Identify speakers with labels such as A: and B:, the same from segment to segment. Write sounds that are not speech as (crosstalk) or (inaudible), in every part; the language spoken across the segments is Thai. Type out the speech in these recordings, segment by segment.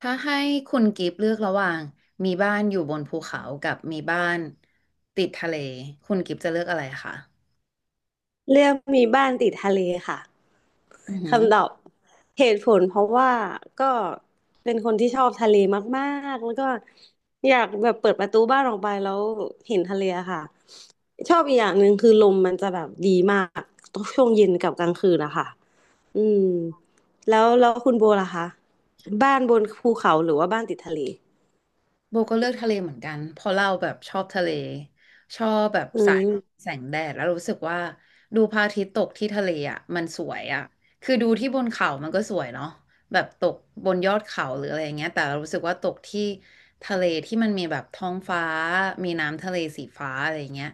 A: ถ้าให้คุณกิฟต์เลือกระหว่างมีบ้านอยู่บนภูเขากับมีบ้านติดทะเลคุณกิฟต์จะเลือกอะไรคะ
B: เรื่องมีบ้านติดทะเลค่ะ
A: อือหือ
B: คำตอบเหตุผลเพราะว่าก็เป็นคนที่ชอบทะเลมากๆแล้วก็อยากแบบเปิดประตูบ้านออกไปแล้วเห็นทะเลอะค่ะชอบอีกอย่างหนึ่งคือลมมันจะแบบดีมากช่วงเย็นกับกลางคืนนะคะอืมแล้วคุณโบล่ะคะบ้านบนภูเขาหรือว่าบ้านติดทะเล
A: โบก็เลือกทะเลเหมือนกันเพราะเราแบบชอบทะเลชอบแบบ
B: อื
A: สาย
B: ม
A: แสงแดดแล้วรู้สึกว่าดูพระอาทิตย์ตกที่ทะเลอ่ะมันสวยอ่ะคือดูที่บนเขามันก็สวยเนาะแบบตกบนยอดเขาหรืออะไรอย่างเงี้ยแต่เรารู้สึกว่าตกที่ทะเลที่มันมีแบบท้องฟ้ามีน้ำทะเลสีฟ้าอะไรอย่างเงี้ย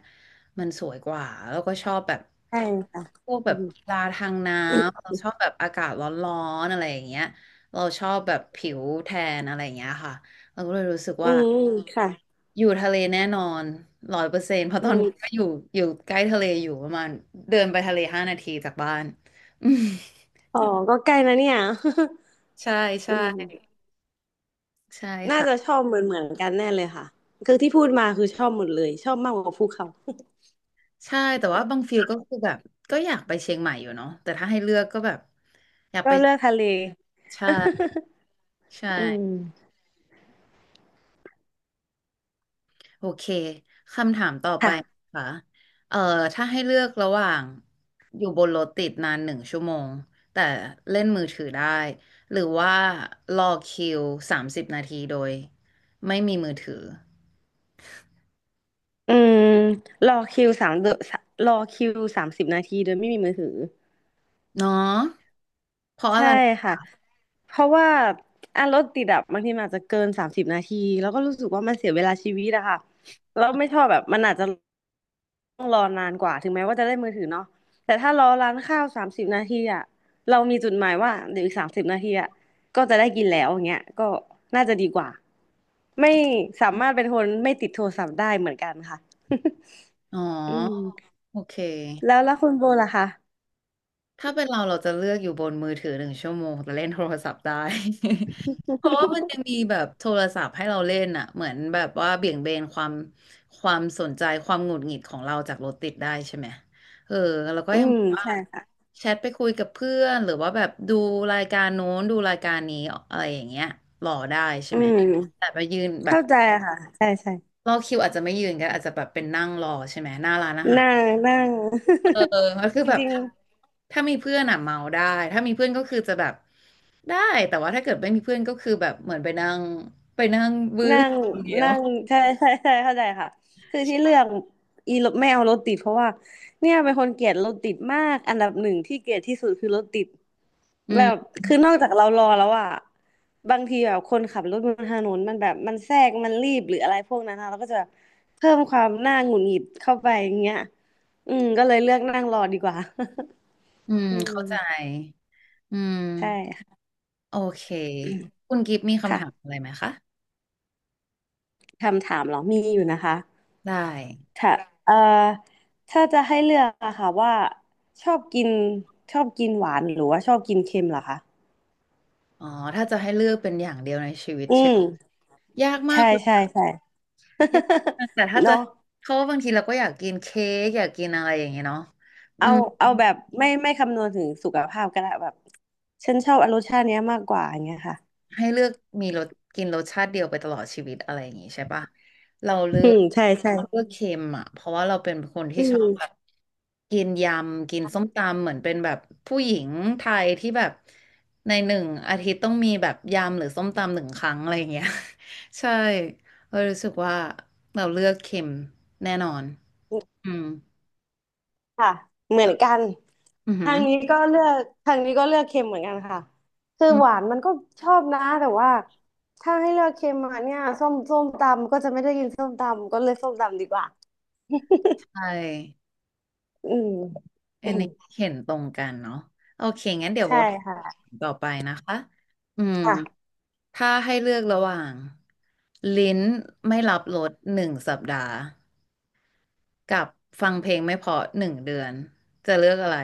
A: มันสวยกว่าแล้วก็ชอบแบบ
B: ใช่ค่ะ
A: พวกแบ
B: อื
A: บกี
B: ม
A: ฬาทางน้ำเราชอบแบบอากาศร้อนๆอะไรอย่างเงี้ยเราชอบแบบผิวแทนอะไรอย่างเงี้ยค่ะ
B: อืมค่ะ
A: อยู่ทะเลแน่นอน100%เพราะต
B: อื
A: อนนี้ก็
B: ม
A: อยู่อยู่ใกล้ทะเลอยู่ประมาณเดินไปทะเล5 นาทีจากบ้าน (laughs) อืม
B: อ๋อก็ใกล้นะเนี่ย
A: ใช่
B: (laughs) อื
A: ใช่
B: ม
A: ใช่
B: น่าจะ
A: ค่ะ
B: ชอบเหมือนกันแน่เลยค่ะคือที่พูดมาคือชอบหมดเลยชอบมากกว่าภูเขา
A: ใช่แต่ว่าบางฟิลก็คือแบบก็อยากไปเชียงใหม่อยู่เนาะแต่ถ้าให้เลือกก็แบบอยากไป
B: ก็เลือกทะเล
A: ใช่ใช่
B: (laughs) อืม
A: โอเค คำถามต่อไป
B: ค่ะ
A: ค่ะ เอ่อถ้าให้เลือกระหว่างอยู่บนรถติดนานหนึ่งชั่วโมงแต่เล่นมือถือได้ หรือว่ารอคิว30 นาทีโดยไม่มีมือถือ
B: อืมรอคิวสามเดอนรอคิวสามสิบนาทีโดยไม่มีมือถือ
A: เนาะเพราะอะ
B: ใช่
A: ไร
B: ค่ะเพราะว่าอ่ะรถติดอะบางทีมันอาจจะเกินสามสิบนาทีแล้วก็รู้สึกว่ามันเสียเวลาชีวิตอะค่ะแล้วไม่ชอบแบบมันอาจจะ ต้องรอนานกว่าถึงแม้ว่าจะได้มือถือเนาะแต่ถ้ารอร้านข้าวสามสิบนาทีอะเรามีจุดหมายว่าเดี๋ยวอีกสามสิบนาทีอะก็จะได้กินแล้วอย่างเงี้ยก็น่าจะดีกว่าไม่สามารถเป็นคนไม่ติดโทรศัพท์ได้เหมือนกันค่ะ
A: อ๋อ
B: (laughs) อืม
A: โอเค
B: แล้วคุณโบล่ะคะ
A: ถ้าเป็นเราเราจะเลือกอยู่บนมือถือหนึ่งชั่วโมงแต่เล่นโทรศัพท์ได้ (laughs) เพราะว่ามันยังมีแบบโทรศัพท์ให้เราเล่นอ่ะเหมือนแบบว่าเบี่ยงเบนความสนใจความหงุดหงิดของเราจากรถติดได้ใช่ไหมเออแล้วก็
B: อื
A: ยัง
B: ม
A: แบบว่า
B: ใช่ค่ะ
A: แชทไปคุยกับเพื่อนหรือว่าแบบดูรายการโน้นดูรายการนี้อะไรอย่างเงี้ยรอได้ใช่
B: อื
A: ไหม
B: ม
A: แต่ไปยืนแบบ
B: เข้าใจค่ะใช่ใช่
A: รอคิวอาจจะไม่ยืนก็อาจจะแบบเป็นนั่งรอใช่ไหมหน้าร้านอาหาร
B: นั่งนั่ง
A: เออมันคือ
B: (laughs) จ
A: แบบ
B: ริง
A: ถ้าถ้ามีเพื่อนอ่ะเมาได้ถ้ามีเพื่อนก็คือจะแบบได้แต่ว่าถ้าเกิดไม่มีเพื่อนก็คือแบบเหมือนไปนั่งวื้อ
B: นั่ง
A: คนเดียว
B: นั่งใช่ใช่ใช่เข้าใจค่ะคือที่เลือกอีรถไม่เอารถติดเพราะว่าเนี่ยเป็นคนเกลียดรถติดมากอันดับหนึ่งที่เกลียดที่สุดคือรถติด
A: อื
B: แบ
A: ม
B: บคือนอกจากเรารอแล้วอะบางทีแบบคนขับรถบนถนนมันแบบมันแทรกมันรีบหรืออะไรพวกนั้นนะเราก็จะแบบเพิ่มความน่าหงุดหงิดเข้าไปอย่างเงี้ยอืมก็เลยเลือกนั่งรอดีกว่า
A: อืม
B: (laughs) อื
A: เข้า
B: ม
A: ใจอืม
B: ใช่
A: โอเคคุณกิฟต์มีคำถาม
B: ค่ะ
A: อะไรไหมคะ
B: คำถามเหรอมีอยู่นะคะ
A: ได้
B: ถ้าเอ่อถ้าจะให้เลือกอะค่ะว่าชอบกินชอบกินหวานหรือว่าชอบกินเค็มเหรอคะ
A: อ๋อถ้าจะให้เลือกเป็นอย่างเดียวในชีวิต
B: อื
A: ใช่ไหม
B: ม
A: ยากมา
B: ใช่
A: กเลย
B: ใช่ใช่
A: ยาก
B: (laughs)
A: มากแต่ถ้าจะ
B: เนาะ
A: เพราะว่าบางทีเราก็อยากกินเค้กอยากกินอะไรอย่างเงี้ยเนาะอื
B: เอา
A: ม
B: เอาแบบไม่คำนวณถึงสุขภาพก็ได้แบบฉันชอบรสชาติเนี้ยมากกว่าอย่างเงี้ยค่ะ
A: ให้เลือกมีรสกินรสชาติเดียวไปตลอดชีวิตอะไรอย่างงี้ใช่ปะเราเลื
B: อื
A: อก
B: มใช่ใช่
A: เราเลือกเค็มอ่ะเพราะว่าเราเป็นคน
B: อื
A: ที่ชอบแบบ
B: ม
A: กินยำกินส้มตำเหมือนเป็นแบบผู้หญิงไทยที่แบบใน1 อาทิตย์ต้องมีแบบยำหรือส้มตำ1 ครั้งอะไรอย่างเงี้ย (laughs) ใช่เรารู้สึกว่าเราเลือกเค็มแน่นอนอืม
B: ค่ะเหมือนกัน
A: อือหื
B: ทา
A: อ
B: งนี้ก็เลือกทางนี้ก็เลือกเค็มเหมือนกันค่ะคือ
A: อืม
B: หวานมันก็ชอบนะแต่ว่าถ้าให้เลือกเค็มมาเนี่ยส้มตำก็จะไม่ได้กินส้มตำก็เลยส้มตำดีกว่า
A: ใช่
B: อืม
A: อันนี้
B: (coughs)
A: เห็นตรงกันเนาะโอเคงั้นเดี๋ยวโบ
B: ใช่
A: ท
B: ค่ะ
A: ต่อไปนะคะอืม
B: ค่ะ
A: ถ้าให้เลือกระหว่างลิ้นไม่รับรสหนึ่งสัปดาห์กับฟังเพลงไม่เพราะหนึ่งเดือนจะเลือกอะไร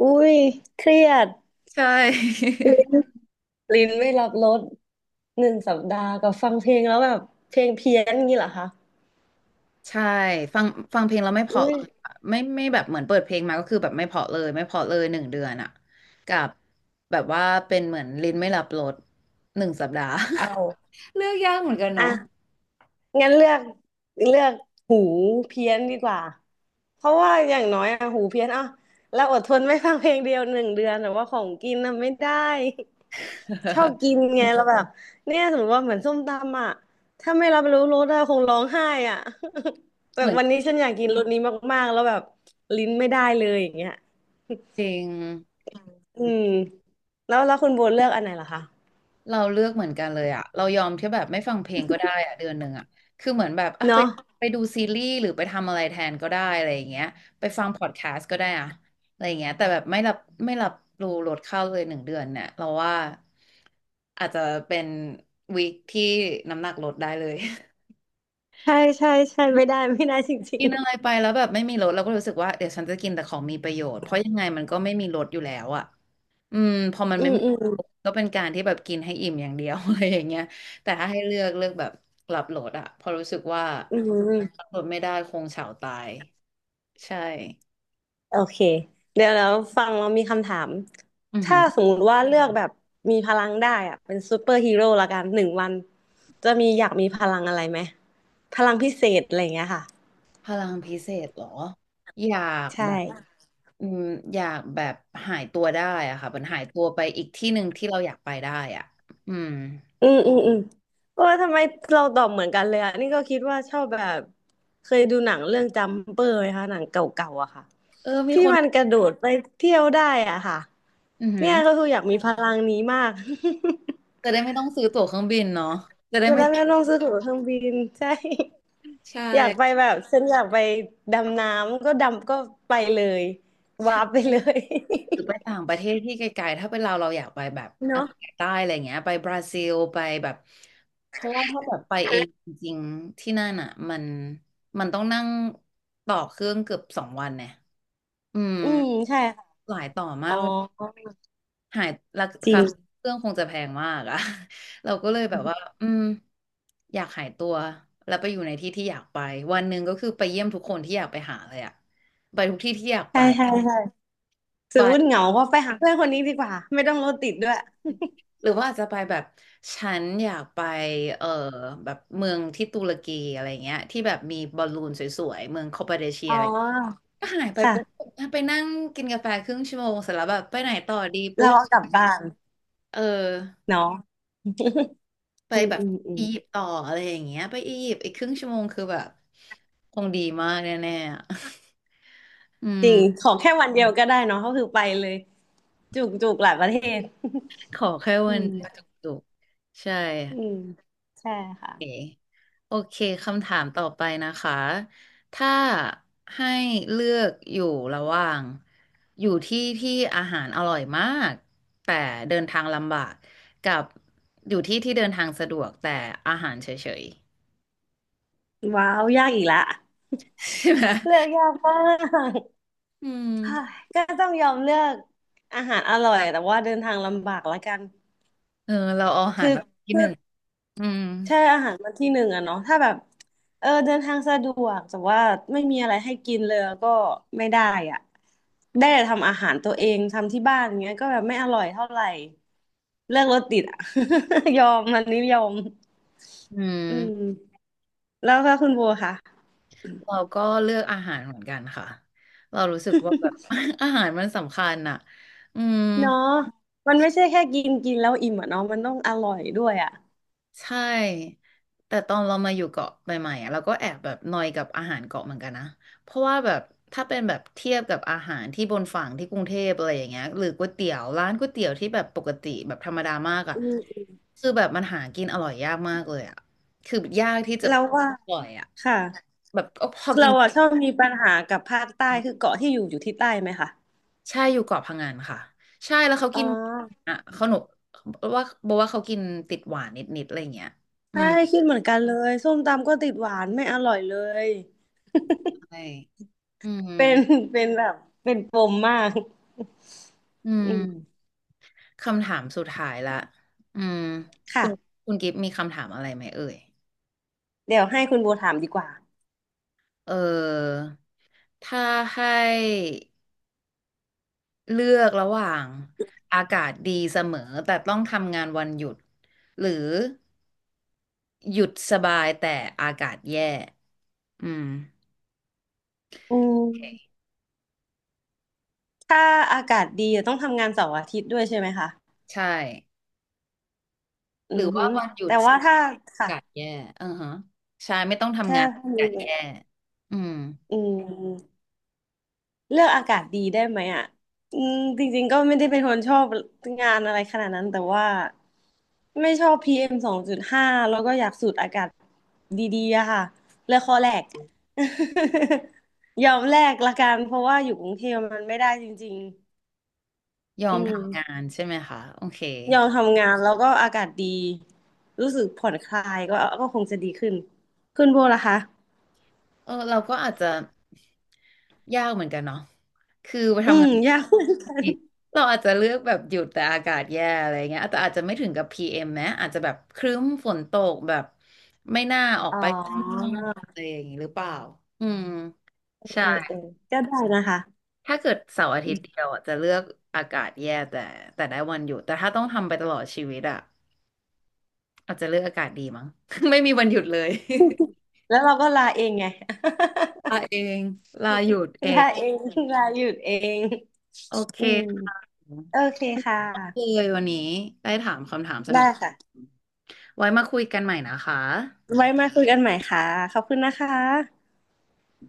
B: อุ้ยเครียด
A: ใช่
B: ลิ้นลิ้นไม่รับรส1 สัปดาห์กับฟังเพลงแล้วแบบเพลงเพี้ยนอย่างนี้เหรอคะ
A: (laughs) ใช่ฟังฟังเพลงแล้วไม่เพราะ
B: อุ้
A: เล
B: ย
A: ยอะไม่แบบเหมือนเปิดเพลงมาก็คือแบบไม่เพราะเลยไม่เพราะเลยหนึ่งเดือนอะกับแบบว่าเป็นเหมือนลิ้นไม่รับรสหนึ่งสัปดาห์
B: เอา
A: (laughs) เลือกยากเหมือนกัน
B: อ่ะ
A: เนาะ
B: งั้นเลือกหูเพี้ยนดีกว่าเพราะว่าอย่างน้อยอะหูเพี้ยนอ่ะเราอดทนไม่ฟังเพลงเดียว1 เดือนแต่ว่าของกินน่ะไม่ได้ชอบกินไงเราแบบเนี่ยสมมติว่าเหมือนส้มตำอ่ะถ้าไม่รับรู้รสอะคงร้องไห้อ่ะ (laughs) แบ
A: เห
B: บ
A: มือน
B: วันนี้ฉันอยากกินรสนี้มากๆแล้วแบบลิ้นไม่ได้เลยอย่างเงี้ย
A: เพลง
B: อืมแล้วคุณโบเลือกอันไหนล่ะคะ
A: เราเลือกเหมือนกันเลยอะเรายอมที่แบบไม่ฟังเพลงก็ได้อะ1 เดือนอะคือเหมือนแบบอ่ะไป
B: เนาะ
A: ไปดูซีรีส์หรือไปทำอะไรแทนก็ได้อะไรอย่างเงี้ยไปฟังพอดแคสต์ก็ได้อะอะไรอย่างเงี้ยแต่แบบไม่รับรู้ลดข้าวเลยหนึ่งเดือนเนี่ยเราว่าอาจจะเป็นวีคที่น้ำหนักลดได้เลย
B: ใช่ใช่ใช่ไม่ได้ไม่ได้จ
A: (laughs)
B: ริ
A: กิ
B: ง
A: นอะไรไปแล้วแบบไม่มีลดเราก็รู้สึกว่าเดี๋ยวฉันจะกินแต่ของมีประโยชน์เพราะยังไงมันก็ไม่มีลดอยู่แล้วอะ อืมพอมัน
B: ๆอื
A: ไม่
B: ม
A: มี
B: อืม
A: ก็เป็นการที่แบบกินให้อิ่มอย่างเดียว (laughs) อะไรอย่างเงี้ยแต่ถ้าให้เลือกเลือกแบบหลับโหลดอะเพอราะรู้สึกว่า
B: อื
A: หลั
B: ม
A: บโหลดไม่ได้คงเฉาตายใช่
B: โอเคเดี๋ยวแล้วฟังเรามีคำถาม
A: อือหื
B: ถ้า
A: อ
B: สมมุติว่าเลือกแบบมีพลังได้อะเป็นซูเปอร์ฮีโร่ละกัน1 วันจะมีอยากมีพลังอะไรไหมพลังพิเศษอะไรอย่างเงี้ยค่ะ
A: พลังพิเศษเหรออยากแบ
B: ใช่
A: บอืมอยากแบบหายตัวได้อะค่ะมันหายตัวไปอีกที่หนึ่งที่เราอยากไปได้อะอืม
B: อืมอืมอืมโอ้ยทำไมเราตอบเหมือนกันเลยอะนี่ก็คิดว่าชอบแบบเคยดูหนังเรื่องจัมเปอร์ไหมคะหนังเก่าๆอะค่ะ
A: เออมี
B: ที่
A: คน
B: มันกระโดดไปเที่ยวได้อะค่ะ
A: อือหื
B: เนี่
A: อ
B: ยก็คืออยากมีพลังนี้มาก
A: จะได้ไม่ต้องซื้อตั๋วเครื่องบินเนาะจะ
B: (laughs)
A: ได้
B: จะ
A: ไม่
B: ได้
A: ต้
B: ไม่
A: อ
B: ต้อ
A: ง
B: งซื้อตั๋วเครื่องบินใช่
A: ใช่
B: อยากไปแบบฉันอยากไปดำน้ำก็ดำก็ไปเลยวา
A: ใช่
B: ร์ปไปเลย
A: หรือไปต่างประเทศที่ไกลๆถ้าเป็นเราเราอยากไปแบบ
B: (laughs)
A: อ
B: เนาะ
A: เมริกาใต้อะไรเงี้ยไปบราซิลไปแบบเพราะว่าถ้าแบบไปเองจริงๆที่นั่นอ่ะมันต้องนั่งต่อเครื่องเกือบสองวันเนี่ยอืม
B: อืมใช่ค่ะ
A: หลายต่อมา
B: อ๋อ
A: กหายรา
B: จริง
A: คาเครื่องคงจะแพงมากอะ (laughs) เราก็เลยแบบว่าอยากหายตัวแล้วไปอยู่ในที่ที่อยากไปวันหนึ่งก็คือไปเยี่ยมทุกคนที่อยากไปหาเลยอะไปทุกที่ที่อยากไป
B: ใช่ใช่ใช่สมมติเห
A: ไป
B: งาก็ไปหาเพื่อนคนนี้ดีกว่าไม่ต้องรถติดด้วย
A: หรือว่าอาจจะไปแบบฉันอยากไปเออแบบเมืองที่ตุรกีอะไรเงี้ยที่แบบมีบอลลูนสวยๆเมืองคอปาเดเชีย
B: อ๋
A: อะไร
B: อ
A: ก็หายไปปุ๊บ
B: ค่ะ
A: ไปนั่งกินกาแฟครึ่งชั่วโมงเสร็จแล้วแบบไปไหนต่อดี
B: เรา
A: ปุ๊บ
B: เอากลับบ้าน
A: เออ
B: เนาะ
A: ไป
B: อืม
A: แบบ
B: อืมอื
A: อี
B: ม
A: ยิปต์ต่ออะไรอย่างเงี้ยไปอียิปต์อีกครึ่งชั่วโมงคือแบบคงดีมากแน่ๆอะ (laughs) อื
B: จ
A: ม
B: ริงขอแค่วันเดียวก็ได้เนาะก็คือไปเลยจุกจุกหลายประเทศ
A: ขอแค่วั
B: อื
A: นเดียวจ
B: ม
A: ุกๆใช่
B: อืมใช่
A: เค
B: ค่ะ
A: โอเคคำถามต่อไปนะคะถ้าให้เลือกอยู่ระหว่างอยู่ที่ที่อาหารอร่อยมากแต่เดินทางลำบากกับอยู่ที่ที่เดินทางสะดวกแต่อาหารเฉย
B: ว้าวยากอีกละ
A: ๆใช่ไหม
B: เลือกยากมาก
A: อืม
B: เฮ้ยก็ต้องยอมเลือกอาหารอร่อยแต่ว่าเดินทางลำบากละกัน
A: เออเราเอาอาหา
B: คื
A: ร
B: อ
A: มาที่
B: คื
A: ห
B: อ
A: นึ่งอืม
B: ใช่อาหารมาที่หนึ่งอะเนาะถ้าแบบเออเดินทางสะดวกแต่ว่าไม่มีอะไรให้กินเลยก็ไม่ได้อ่ะได้แต่ทำอาหารตัวเองทำที่บ้านอย่างเงี้ยก็แบบไม่อร่อยเท่าไหร่เลิกรถติดอะ (laughs) ยอมมันนี้ยอม
A: อื
B: อืม
A: ม
B: แล้วก็คุณโบค่ะ
A: เราก็เลือกอาหารเหมือนกันค่ะเรารู้สึกว่าแบบ (laughs) อาหารมันสำคัญอ่ะอืม
B: เนาะมันไม่ใช่แค่กินกินแล้วอิ่มอะเนาะมันต้องอร่อยด้วยอะ
A: ใช่ แต่ตอนเรามาอยู่เกาะใหม่ๆอะเราก็แอบแบบนอยกับอาหารเกาะเหมือนกันนะเพราะว่าแบบถ้าเป็นแบบเทียบกับอาหารที่บนฝั่งที่กรุงเทพอะไรอย่างเงี้ยหรือก๋วยเตี๋ยวร้านก๋วยเตี๋ยวที่แบบปกติแบบธรรมดามากอ่ะ
B: อืม
A: คือแบบมันหากินอร่อยยากมากเลยอ่ะคือยากที่จะ
B: เราว่า
A: อร่อยอ่ะ
B: ค่ะ
A: แบบก็พอกิน
B: เราอะชอบมีปัญหากับภาคใต้คือเกาะที่อยู่ที่ใต้ไหมคะ
A: ใช่อยู่เกาะพังงานค่ะใช่แล้วเขา
B: อ๋อ
A: กินอ่ะเขาหนุว่าบอกว่าเขากินติดหวานนิดๆอะไรอย่างเงี้ยอื
B: ใช่
A: ม
B: คิดเหมือนกันเลยส้มตำก็ติดหวานไม่อร่อยเลย
A: ใช่อืม
B: เป็น (laughs) เป็นแบบเป็นปมมาก
A: อื
B: อืม
A: ม คำถามสุดท้ายละอืมคุณ
B: ค่ะ
A: คุณกิฟต์มีคำถามอะไรไหมเอ่ย
B: เดี๋ยวให้คุณโบถามดีกว่า
A: เออถ้าให้เลือกระหว่างอากาศดีเสมอแต่ต้องทำงานวันหยุดหรือหยุดสบายแต่อากาศแย่อืม
B: อืมถ้าอากาศดีอะต้องทำงานเสาร์อาทิตย์ด้วยใช่ไหมคะ
A: ใช่
B: อื
A: หรือ
B: อฮึ
A: ว่าวันหยุ
B: แต่
A: ด
B: ว่าถ้า
A: อา
B: ค่ะ
A: กาศแย่อือฮะใช่ไม่ต้องทำ
B: ถ้า
A: งานอา
B: มี
A: กาศแย่อืม
B: อืม เลือกอากาศดีได้ไหมอ่ะอืมจริงๆก็ไม่ได้เป็นคนชอบงานอะไรขนาดนั้นแต่ว่าไม่ชอบPM2.5แล้วก็อยากสูดอากาศดีๆอะค่ะเลือกข้วคอแรก (laughs) ยอมแลกละกันเพราะว่าอยู่กรุงเทพมันไม่ได้จริง
A: ยอ
B: ๆอื
A: ม
B: ม
A: ทำงานใช่ไหมคะโอเค
B: ยอมทำงานแล้วก็อากาศดีรู้สึกผ่อนคลายก็คงจะดีขึ้นโบล่ะคะ
A: เออเราก็อาจจะยากเหมือนกันเนาะคือไป
B: อื
A: ทำ
B: ม
A: งาน
B: ยา
A: ป
B: ก
A: กติเราอาจจะเลือกแบบหยุดแต่อากาศแย่อะไรเงี้ยแต่อาจจะไม่ถึงกับPMนะอาจจะแบบครึ้มฝนตกแบบไม่น่าออก
B: อ๋อ
A: ไปข้างนอกอะไรอย่างนี้หรือเปล่าอืม
B: เอ
A: ใช่
B: อเออก็ได้นะคะ
A: ถ้าเกิดเสาร์อาทิตย์เดียวอะจะเลือกอากาศแย่แต่แต่ได้วันหยุดแต่ถ้าต้องทำไปตลอดชีวิตอ่ะอาจจะเลือกอากาศดีมั้ง (laughs) ไม่มีวันหยุดเลย
B: แล้วเราก็ลาเองไง
A: (laughs) ลาเองลาหยุดเอ
B: (laughs) ลา
A: ง
B: เองลาหยุดเอง
A: โอเค
B: อืมโอเคค่ะ
A: เลยวันนี้ได้ถามคำถามสนุ
B: ได้
A: ก
B: ค่ะ
A: ไว้มาคุยกันใหม่นะคะ
B: ไว้มาคุยกันใหม่ค่ะ ขอบคุณนะคะ